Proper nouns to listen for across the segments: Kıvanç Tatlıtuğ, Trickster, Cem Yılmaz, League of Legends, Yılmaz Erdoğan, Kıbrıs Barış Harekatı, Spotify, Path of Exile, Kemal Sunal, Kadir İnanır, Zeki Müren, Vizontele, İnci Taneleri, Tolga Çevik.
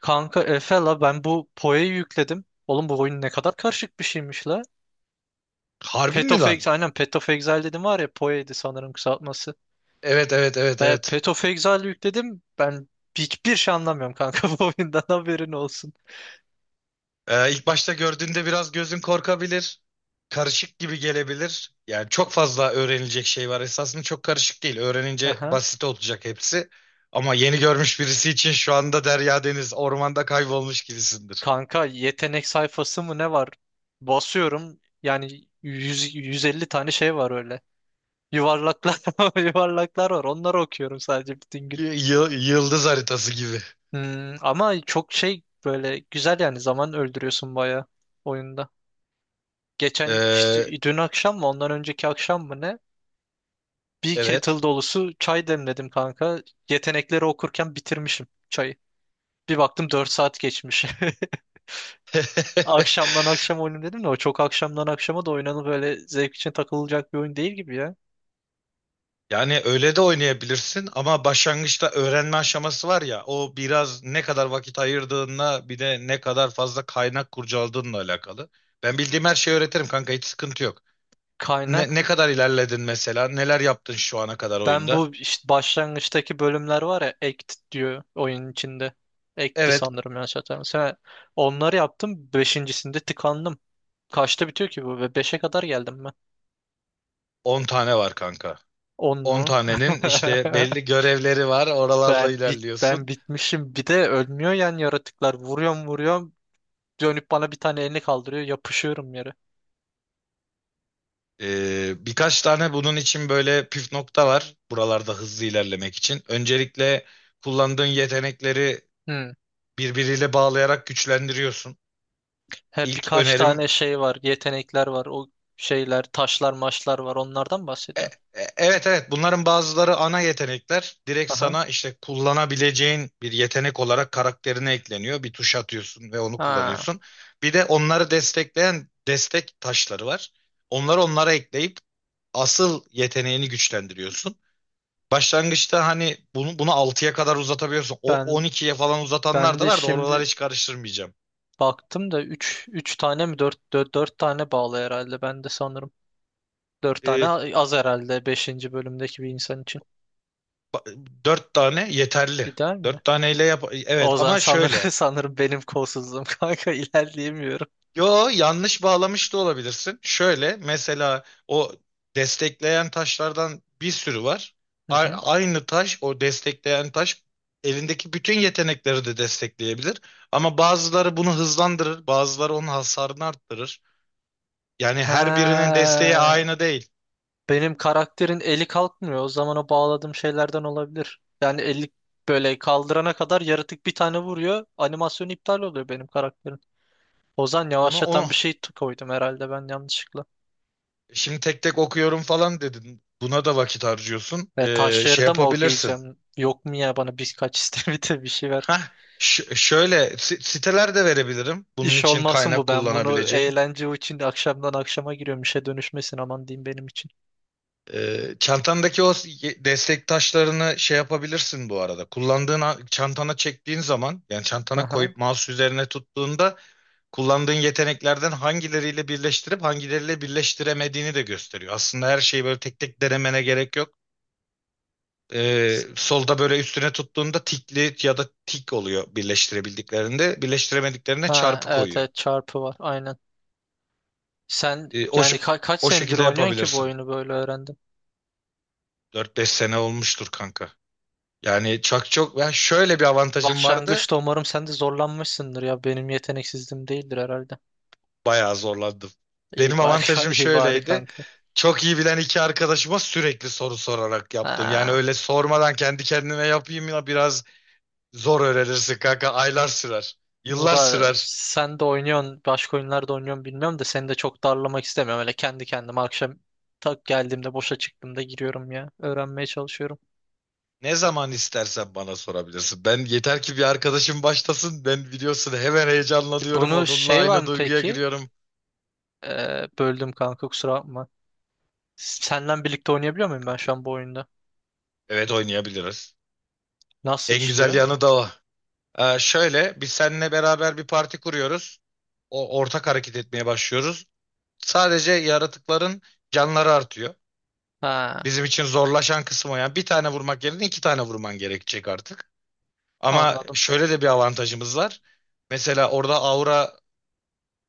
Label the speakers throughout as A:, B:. A: Kanka Efe la ben bu Poe'yi yükledim. Oğlum bu oyun ne kadar karışık bir şeymiş la.
B: Harbi
A: Path
B: mi
A: of
B: lan?
A: Exile, aynen Path of Exile dedim var ya Poe'ydi sanırım kısaltması.
B: Evet, evet, evet, evet.
A: Path of Exile yükledim. Ben hiçbir şey anlamıyorum kanka bu oyundan haberin olsun.
B: İlk başta gördüğünde biraz gözün korkabilir. Karışık gibi gelebilir. Yani çok fazla öğrenilecek şey var. Esasında çok karışık değil. Öğrenince
A: Aha.
B: basit olacak hepsi. Ama yeni görmüş birisi için şu anda derya deniz ormanda kaybolmuş gibisindir.
A: Kanka yetenek sayfası mı ne var? Basıyorum yani 100, 150 tane şey var öyle. Yuvarlaklar yuvarlaklar var onları okuyorum sadece bütün gün.
B: Yıldız haritası gibi.
A: Hmm, ama çok şey böyle güzel yani zaman öldürüyorsun bayağı oyunda. Geçen işte
B: Ee,
A: dün akşam mı ondan önceki akşam mı ne? Bir
B: evet.
A: kettle dolusu çay demledim kanka. Yetenekleri okurken bitirmişim çayı. Bir baktım 4 saat geçmiş. Akşamdan akşam oyunu dedim de o çok akşamdan akşama da oynanıp böyle zevk için takılacak bir oyun değil gibi ya.
B: Yani öyle de oynayabilirsin ama başlangıçta öğrenme aşaması var ya o biraz ne kadar vakit ayırdığınla bir de ne kadar fazla kaynak kurcaladığınla alakalı. Ben bildiğim her şeyi öğretirim kanka, hiç sıkıntı yok.
A: Kaynak
B: Ne kadar ilerledin mesela, neler yaptın şu ana kadar
A: ben
B: oyunda?
A: bu işte başlangıçtaki bölümler var ya act diyor oyunun içinde. Act'ti
B: Evet,
A: sanırım yanlış hatırlamıyorsam. Ha, onları yaptım. Beşincisinde tıkandım. Kaçta bitiyor ki bu? Ve beşe kadar geldim.
B: 10 tane var kanka.
A: 10
B: 10
A: mu?
B: tanenin işte belli görevleri var, oralarla
A: Ben
B: ilerliyorsun.
A: bitmişim. Bir de ölmüyor yani yaratıklar. Vuruyorum vuruyorum. Dönüp bana bir tane elini kaldırıyor. Yapışıyorum yere.
B: Birkaç tane bunun için böyle püf nokta var buralarda hızlı ilerlemek için. Öncelikle kullandığın yetenekleri
A: Hmm.
B: birbiriyle bağlayarak güçlendiriyorsun.
A: He,
B: İlk
A: birkaç
B: önerim
A: tane şey var. Yetenekler var. Şeyler, taşlar, maçlar var. Onlardan
B: e-
A: bahsediyorsun.
B: evet, evet, bunların bazıları ana yetenekler. Direkt
A: Aha.
B: sana işte kullanabileceğin bir yetenek olarak karakterine ekleniyor. Bir tuş atıyorsun ve onu
A: Ha.
B: kullanıyorsun. Bir de onları destekleyen destek taşları var. Onları onlara ekleyip asıl yeteneğini güçlendiriyorsun. Başlangıçta hani bunu 6'ya kadar uzatabiliyorsun. O on
A: Ben
B: ikiye falan uzatanlar
A: ben
B: da
A: de
B: var da oraları
A: şimdi
B: hiç karıştırmayacağım.
A: baktım da üç tane mi dört tane bağlı herhalde. Ben de sanırım dört tane
B: Ee,
A: az herhalde beşinci bölümdeki bir insan için.
B: Ba- Dört tane yeterli.
A: İdeal mi?
B: Dört taneyle yap. Evet
A: Ozan
B: ama
A: sanırım,
B: şöyle.
A: sanırım benim kolsuzluğum kanka ilerleyemiyorum.
B: Yo, yanlış bağlamış da olabilirsin. Şöyle mesela o destekleyen taşlardan bir sürü var.
A: Hı hı.
B: Aynı taş, o destekleyen taş elindeki bütün yetenekleri de destekleyebilir. Ama bazıları bunu hızlandırır, bazıları onun hasarını arttırır. Yani her birinin desteği
A: Ha,
B: aynı değil.
A: benim karakterin eli kalkmıyor. O zaman o bağladığım şeylerden olabilir. Yani eli böyle kaldırana kadar yaratık bir tane vuruyor. Animasyon iptal oluyor benim karakterin. Ozan
B: Onu
A: yavaşlatan bir şey koydum herhalde ben yanlışlıkla.
B: şimdi tek tek okuyorum falan dedin. Buna da vakit harcıyorsun.
A: Ve
B: Şey
A: taşları da mı
B: yapabilirsin.
A: okuyacağım? Yok mu ya bana birkaç istemite bir şey ver.
B: Hah, şöyle siteler de verebilirim. Bunun
A: İş
B: için
A: olmasın
B: kaynak
A: bu ben bunu
B: kullanabileceğin.
A: eğlence için akşamdan akşama giriyorum işe dönüşmesin aman diyeyim benim için.
B: Çantandaki o destek taşlarını şey yapabilirsin bu arada. Kullandığın çantana çektiğin zaman, yani çantana
A: Aha.
B: koyup mouse üzerine tuttuğunda kullandığın yeteneklerden hangileriyle birleştirip hangileriyle birleştiremediğini de gösteriyor. Aslında her şeyi böyle tek tek denemene gerek yok. Solda böyle üstüne tuttuğunda tikli ya da tik oluyor birleştirebildiklerinde. Birleştiremediklerine
A: Ha,
B: çarpı
A: evet
B: koyuyor.
A: evet çarpı var aynen. Sen
B: E, o,
A: yani
B: ş-
A: kaç
B: O
A: senedir
B: şekilde
A: oynuyorsun ki bu
B: yapabilirsin.
A: oyunu böyle öğrendin?
B: Dört beş sene olmuştur kanka. Yani çok çok, ben şöyle bir avantajım vardı.
A: Başlangıçta umarım sen de zorlanmışsındır ya benim yeteneksizliğim değildir herhalde.
B: Bayağı zorlandım.
A: İyi
B: Benim
A: bari
B: avantajım
A: iyi bari
B: şöyleydi.
A: kanka.
B: Çok iyi bilen iki arkadaşıma sürekli soru sorarak yaptım. Yani
A: Ha.
B: öyle sormadan kendi kendime yapayım ya, biraz zor öğrenirsin kanka. Aylar sürer. Yıllar
A: Valla
B: sürer.
A: sen de oynuyorsun başka oyunlarda oynuyorsun bilmiyorum da seni de çok darlamak istemiyorum. Öyle kendi kendime akşam tak geldiğimde boşa çıktığımda giriyorum ya öğrenmeye çalışıyorum.
B: Ne zaman istersen bana sorabilirsin. Ben yeter ki bir arkadaşım başlasın. Ben biliyorsun hemen heyecanlanıyorum.
A: Bunu
B: Onunla
A: şey var
B: aynı
A: mı
B: duyguya
A: peki?
B: giriyorum.
A: Böldüm kanka kusura bakma. Senden birlikte oynayabiliyor muyum ben
B: Sıkıntı
A: şu
B: yok.
A: an bu oyunda?
B: Evet, oynayabiliriz.
A: Nasıl
B: En güzel
A: işliyor?
B: yanı da o. Şöyle, biz seninle beraber bir parti kuruyoruz. O ortak hareket etmeye başlıyoruz. Sadece yaratıkların canları artıyor.
A: Ha,
B: Bizim için zorlaşan kısmı o. Yani bir tane vurmak yerine iki tane vurman gerekecek artık. Ama
A: anladım.
B: şöyle de bir avantajımız var. Mesela orada aura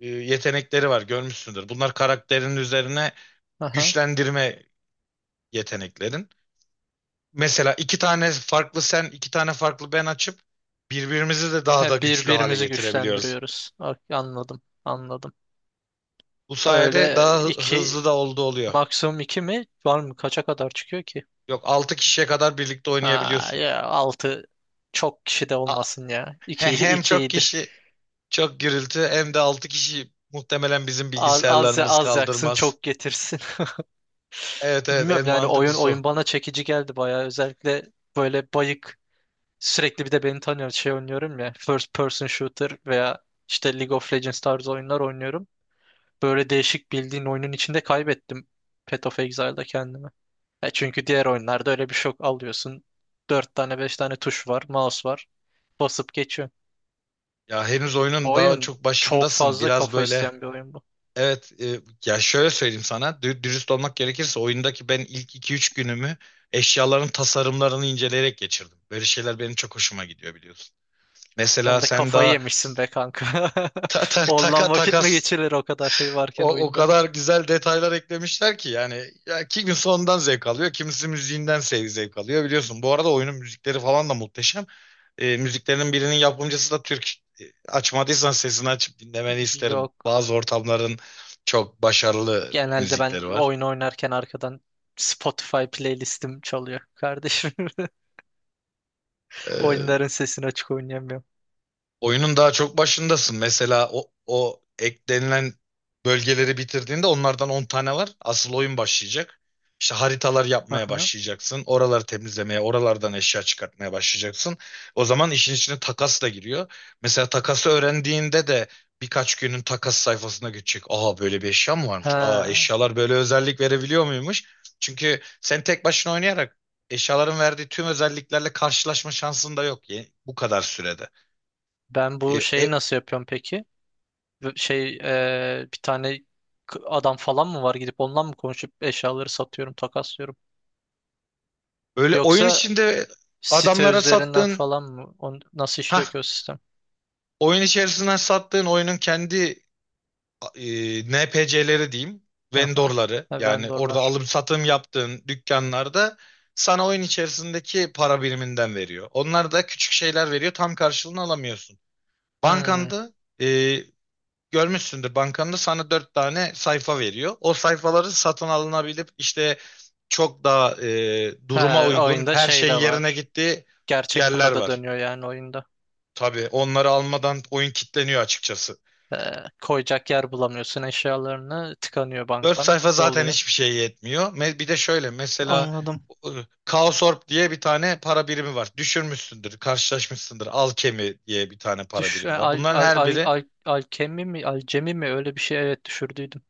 B: yetenekleri var, görmüşsündür. Bunlar karakterin üzerine
A: Aha.
B: güçlendirme yeteneklerin. Mesela iki tane farklı sen, iki tane farklı ben açıp birbirimizi de
A: He,
B: daha da güçlü hale
A: birbirimizi
B: getirebiliyoruz.
A: güçlendiriyoruz. Ok, anladım, anladım.
B: Bu sayede
A: Öyle
B: daha
A: iki,
B: hızlı da oldu oluyor.
A: maksimum iki mi? Var mı? Kaça kadar çıkıyor ki?
B: Yok, 6 kişiye kadar birlikte
A: Ha,
B: oynayabiliyorsun.
A: ya altı çok kişi de
B: A-
A: olmasın ya. İki,
B: Hem
A: iki
B: çok
A: iyidir.
B: kişi çok gürültü, hem de 6 kişi muhtemelen bizim
A: Az, az,
B: bilgisayarlarımız
A: az yaksın,
B: kaldırmaz.
A: çok getirsin.
B: Evet, evet,
A: Bilmiyorum
B: en
A: yani oyun
B: mantıklısı o.
A: oyun bana çekici geldi bayağı. Özellikle böyle bayık sürekli bir de beni tanıyor şey oynuyorum ya. First person shooter veya işte League of Legends tarzı oyunlar oynuyorum. Böyle değişik bildiğin oyunun içinde kaybettim Path of Exile'da kendimi. Ya çünkü diğer oyunlarda öyle bir şok alıyorsun. 4 tane 5 tane tuş var, mouse var. Basıp geçiyorsun.
B: Ya henüz
A: Bu
B: oyunun daha
A: oyun
B: çok
A: çok
B: başındasın.
A: fazla
B: Biraz
A: kafa
B: böyle
A: isteyen bir oyun bu.
B: evet, ya şöyle söyleyeyim sana, dürüst olmak gerekirse oyundaki ben ilk iki üç günümü eşyaların tasarımlarını inceleyerek geçirdim. Böyle şeyler benim çok hoşuma gidiyor biliyorsun.
A: Sen
B: Mesela
A: de
B: sen
A: kafayı
B: daha
A: yemişsin be kanka.
B: ta ta taka
A: Ondan vakit
B: takas.
A: mi geçirilir o kadar şey varken
B: O
A: oyunda?
B: kadar güzel detaylar eklemişler ki, yani ya kimisi ondan zevk alıyor, kimisi müziğinden zevk alıyor biliyorsun. Bu arada oyunun müzikleri falan da muhteşem. Müziklerin birinin yapımcısı da Türk. Açmadıysan sesini açıp dinlemeni isterim.
A: Yok.
B: Bazı ortamların çok başarılı
A: Genelde ben
B: müzikleri var.
A: oyun oynarken arkadan Spotify playlistim çalıyor kardeşim.
B: E,
A: Oyunların sesini açık oynayamıyorum.
B: Oyunun daha çok başındasın. Mesela o eklenilen bölgeleri bitirdiğinde onlardan 10 tane var. Asıl oyun başlayacak. İşte haritalar yapmaya
A: Aha.
B: başlayacaksın. Oraları temizlemeye, oralardan eşya çıkartmaya başlayacaksın. O zaman işin içine takas da giriyor. Mesela takası öğrendiğinde de birkaç günün takas sayfasına geçecek. Aa, böyle bir eşya mı varmış? Aa,
A: Ha.
B: eşyalar böyle özellik verebiliyor muymuş? Çünkü sen tek başına oynayarak eşyaların verdiği tüm özelliklerle karşılaşma şansın da yok bu kadar sürede.
A: Ben
B: E,
A: bu
B: e,
A: şeyi nasıl yapıyorum peki? Şey bir tane adam falan mı var gidip ondan mı konuşup eşyaları satıyorum, takaslıyorum?
B: Öyle oyun
A: Yoksa
B: içinde
A: site
B: adamlara
A: üzerinden
B: sattığın,
A: falan mı? Nasıl
B: ha
A: işliyor ki o sistem?
B: oyun içerisinden sattığın oyunun kendi NPC'leri diyeyim,
A: Hı hı.
B: vendorları,
A: Ha,
B: yani orada
A: vendorlar.
B: alım satım yaptığın dükkanlarda sana oyun içerisindeki para biriminden veriyor. Onlar da küçük şeyler veriyor, tam karşılığını alamıyorsun.
A: Hmm.
B: Bankanda e, görmüşsündür, bankanda sana dört tane sayfa veriyor. O sayfaları satın alınabilip işte çok daha
A: He,
B: duruma uygun
A: oyunda
B: her
A: şey
B: şeyin
A: de
B: yerine
A: var.
B: gittiği
A: Gerçek
B: yerler
A: para da
B: var.
A: dönüyor yani oyunda.
B: Tabii onları almadan oyun kilitleniyor açıkçası.
A: He, koyacak yer bulamıyorsun eşyalarını. Tıkanıyor
B: 4
A: bankan.
B: sayfa zaten
A: Doluyor.
B: hiçbir şey yetmiyor. Bir de şöyle mesela
A: Anladım.
B: e, Kaosorb diye bir tane para birimi var. Düşürmüşsündür, karşılaşmışsındır. Alkemi diye bir tane para
A: Düş, e,
B: birimi var.
A: al,
B: Bunların
A: al,
B: her
A: al,
B: biri,
A: al, alkemi mi? Alcemi mi? Öyle bir şey evet düşürdüydüm.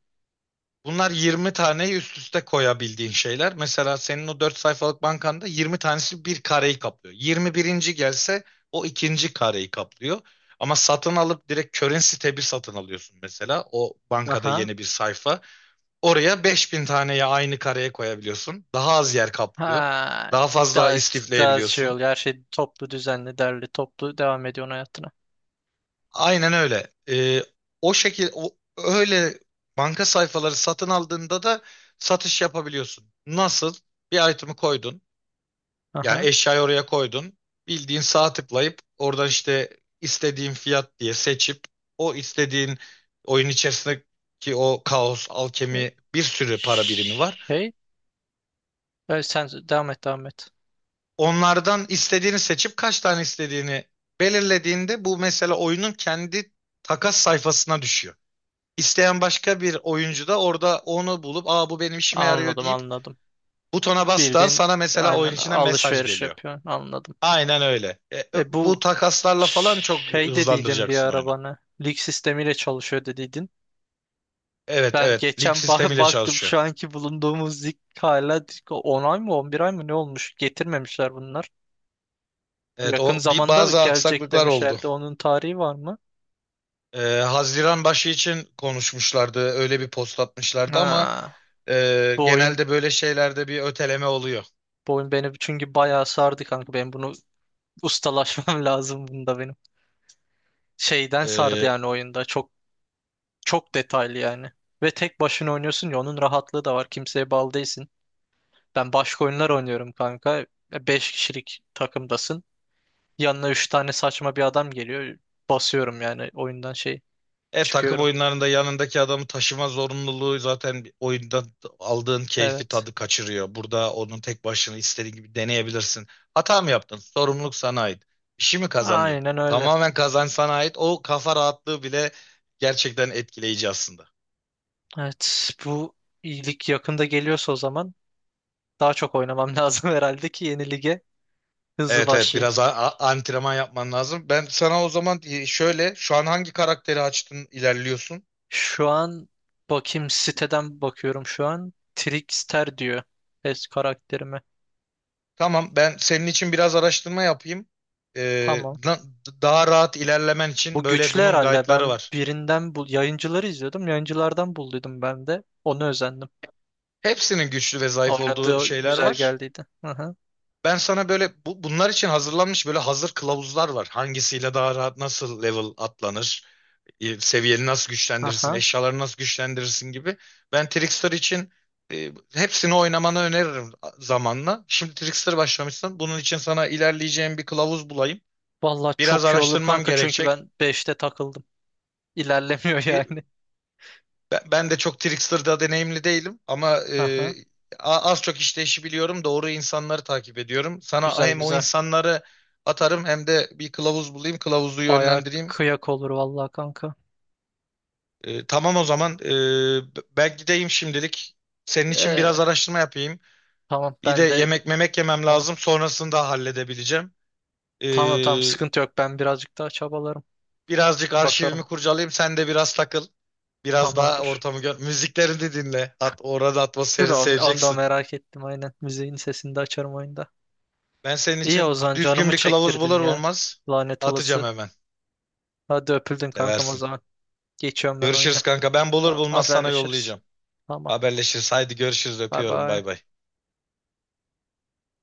B: bunlar 20 taneyi üst üste koyabildiğin şeyler. Mesela senin o 4 sayfalık bankanda 20 tanesi bir kareyi kaplıyor. Yirmi birinci gelse o ikinci kareyi kaplıyor. Ama satın alıp direkt currency tab'i satın alıyorsun mesela. O bankada
A: Aha.
B: yeni bir sayfa. Oraya 5.000 taneyi aynı kareye koyabiliyorsun. Daha az yer kaplıyor.
A: Ha,
B: Daha fazla
A: daha, daha şey
B: istifleyebiliyorsun.
A: oluyor. Her şey toplu, düzenli, derli, toplu devam ediyorsun hayatına.
B: Aynen öyle. Öyle banka sayfaları satın aldığında da satış yapabiliyorsun. Nasıl? Bir item'ı koydun. Yani
A: Aha.
B: eşyayı oraya koydun. Bildiğin sağa tıklayıp oradan işte istediğin fiyat diye seçip o istediğin oyun içerisindeki o kaos,
A: E,
B: alkemi, bir sürü para birimi var.
A: Şey, sen devam et, devam et.
B: Onlardan istediğini seçip kaç tane istediğini belirlediğinde bu mesela oyunun kendi takas sayfasına düşüyor. İsteyen başka bir oyuncu da orada onu bulup, aa bu benim işime yarıyor
A: Anladım,
B: deyip
A: anladım.
B: butona bastığın,
A: Bildiğin
B: sana mesela oyun
A: aynen
B: içine mesaj
A: alışveriş
B: geliyor.
A: yapıyorsun. Anladım.
B: Aynen öyle.
A: E
B: Bu
A: bu
B: takaslarla falan çok
A: şey dediydin bir
B: hızlandıracaksın oyunu.
A: arabana. Lig sistemiyle çalışıyor dediydin.
B: Evet,
A: Ben
B: evet, lig
A: geçen
B: sistemiyle
A: baktım
B: çalışıyor.
A: şu anki bulunduğumuz lig hala 10 ay mı 11 ay mı ne olmuş? Getirmemişler bunlar.
B: Evet,
A: Yakın
B: o bir
A: zamanda
B: bazı
A: gelecek
B: aksaklıklar oldu.
A: demişlerdi. Onun tarihi var mı?
B: Haziran başı için konuşmuşlardı, öyle bir post atmışlardı ama
A: Ha, bu oyun
B: Genelde böyle şeylerde bir öteleme oluyor.
A: bu oyun beni çünkü bayağı sardı kanka. Ben bunu ustalaşmam lazım bunda benim. Şeyden sardı
B: Ee,
A: yani oyunda. Çok çok detaylı yani. Ve tek başına oynuyorsun ya onun rahatlığı da var. Kimseye bağlı değilsin. Ben başka oyunlar oynuyorum kanka. 5 kişilik takımdasın. Yanına 3 tane saçma bir adam geliyor. Basıyorum yani oyundan şey
B: e takım
A: çıkıyorum.
B: oyunlarında yanındaki adamı taşıma zorunluluğu zaten bir oyunda aldığın keyfi
A: Evet.
B: tadı kaçırıyor. Burada onun tek başına istediğin gibi deneyebilirsin. Hata mı yaptın? Sorumluluk sana ait. Bir şey mi kazandın?
A: Aynen öyle.
B: Tamamen kazanç sana ait. O kafa rahatlığı bile gerçekten etkileyici aslında.
A: Evet bu iyilik yakında geliyorsa o zaman daha çok oynamam lazım herhalde ki yeni lige. Hızlı
B: Evet, evet,
A: başlayayım.
B: biraz antrenman yapman lazım. Ben sana o zaman şöyle, şu an hangi karakteri açtın, ilerliyorsun?
A: Şu an bakayım siteden bakıyorum şu an. Trickster diyor karakterime.
B: Tamam, ben senin için biraz araştırma yapayım. Ee,
A: Tamam.
B: na- Daha rahat ilerlemen için
A: Bu
B: böyle
A: güçlü
B: bunun
A: herhalde.
B: guide'ları
A: Ben
B: var.
A: birinden bu yayıncıları izliyordum. Yayıncılardan bulduydum ben de. Onu özendim.
B: Hepsinin güçlü ve zayıf olduğu
A: Oynadığı
B: şeyler
A: güzel
B: var.
A: geldiydi. Aha.
B: Ben sana böyle bunlar için hazırlanmış böyle hazır kılavuzlar var. Hangisiyle daha rahat nasıl level atlanır, seviyeni nasıl güçlendirirsin,
A: Aha.
B: eşyaları nasıl güçlendirirsin gibi. Ben Trickster için hepsini oynamanı öneririm zamanla. Şimdi Trickster başlamışsın. Bunun için sana ilerleyeceğim bir kılavuz bulayım.
A: Vallahi
B: Biraz
A: çok iyi olur
B: araştırmam
A: kanka çünkü
B: gerekecek.
A: ben beşte takıldım. İlerlemiyor
B: Bir,
A: yani.
B: Ben de çok Trickster'da deneyimli değilim ama
A: Aha.
B: az çok işte işi biliyorum. Doğru insanları takip ediyorum. Sana
A: Güzel
B: hem o
A: güzel.
B: insanları atarım, hem de bir kılavuz bulayım, kılavuzu
A: Baya
B: yönlendireyim.
A: kıyak olur vallahi kanka.
B: Tamam o zaman, ben gideyim şimdilik. Senin için biraz
A: Ee,
B: araştırma yapayım.
A: tamam
B: Bir de
A: ben de
B: yemek memek yemem
A: tamam.
B: lazım. Sonrasını da halledebileceğim. E,
A: Tamam tamam sıkıntı yok. Ben birazcık daha çabalarım.
B: Birazcık
A: Bakarım.
B: arşivimi kurcalayayım. Sen de biraz takıl. Biraz daha
A: Tamamdır.
B: ortamı gör. Müziklerini dinle. Orada
A: Dur
B: atmosferini
A: onu da
B: seveceksin.
A: merak ettim aynen. Müziğin sesini de açarım oyunda.
B: Ben senin
A: İyi
B: için
A: Ozan
B: düzgün
A: canımı
B: bir kılavuz
A: çektirdin
B: bulur
A: ya.
B: bulmaz
A: Lanet
B: atacağım
A: olası.
B: hemen.
A: Hadi öpüldün kankam o
B: Seversin.
A: zaman. Geçiyorum ben
B: Görüşürüz
A: oyuna.
B: kanka. Ben bulur
A: Tamam
B: bulmaz sana
A: haberleşiriz.
B: yollayacağım.
A: Tamam.
B: Haberleşiriz. Haydi görüşürüz.
A: Bay
B: Öpüyorum.
A: bay.
B: Bay bay.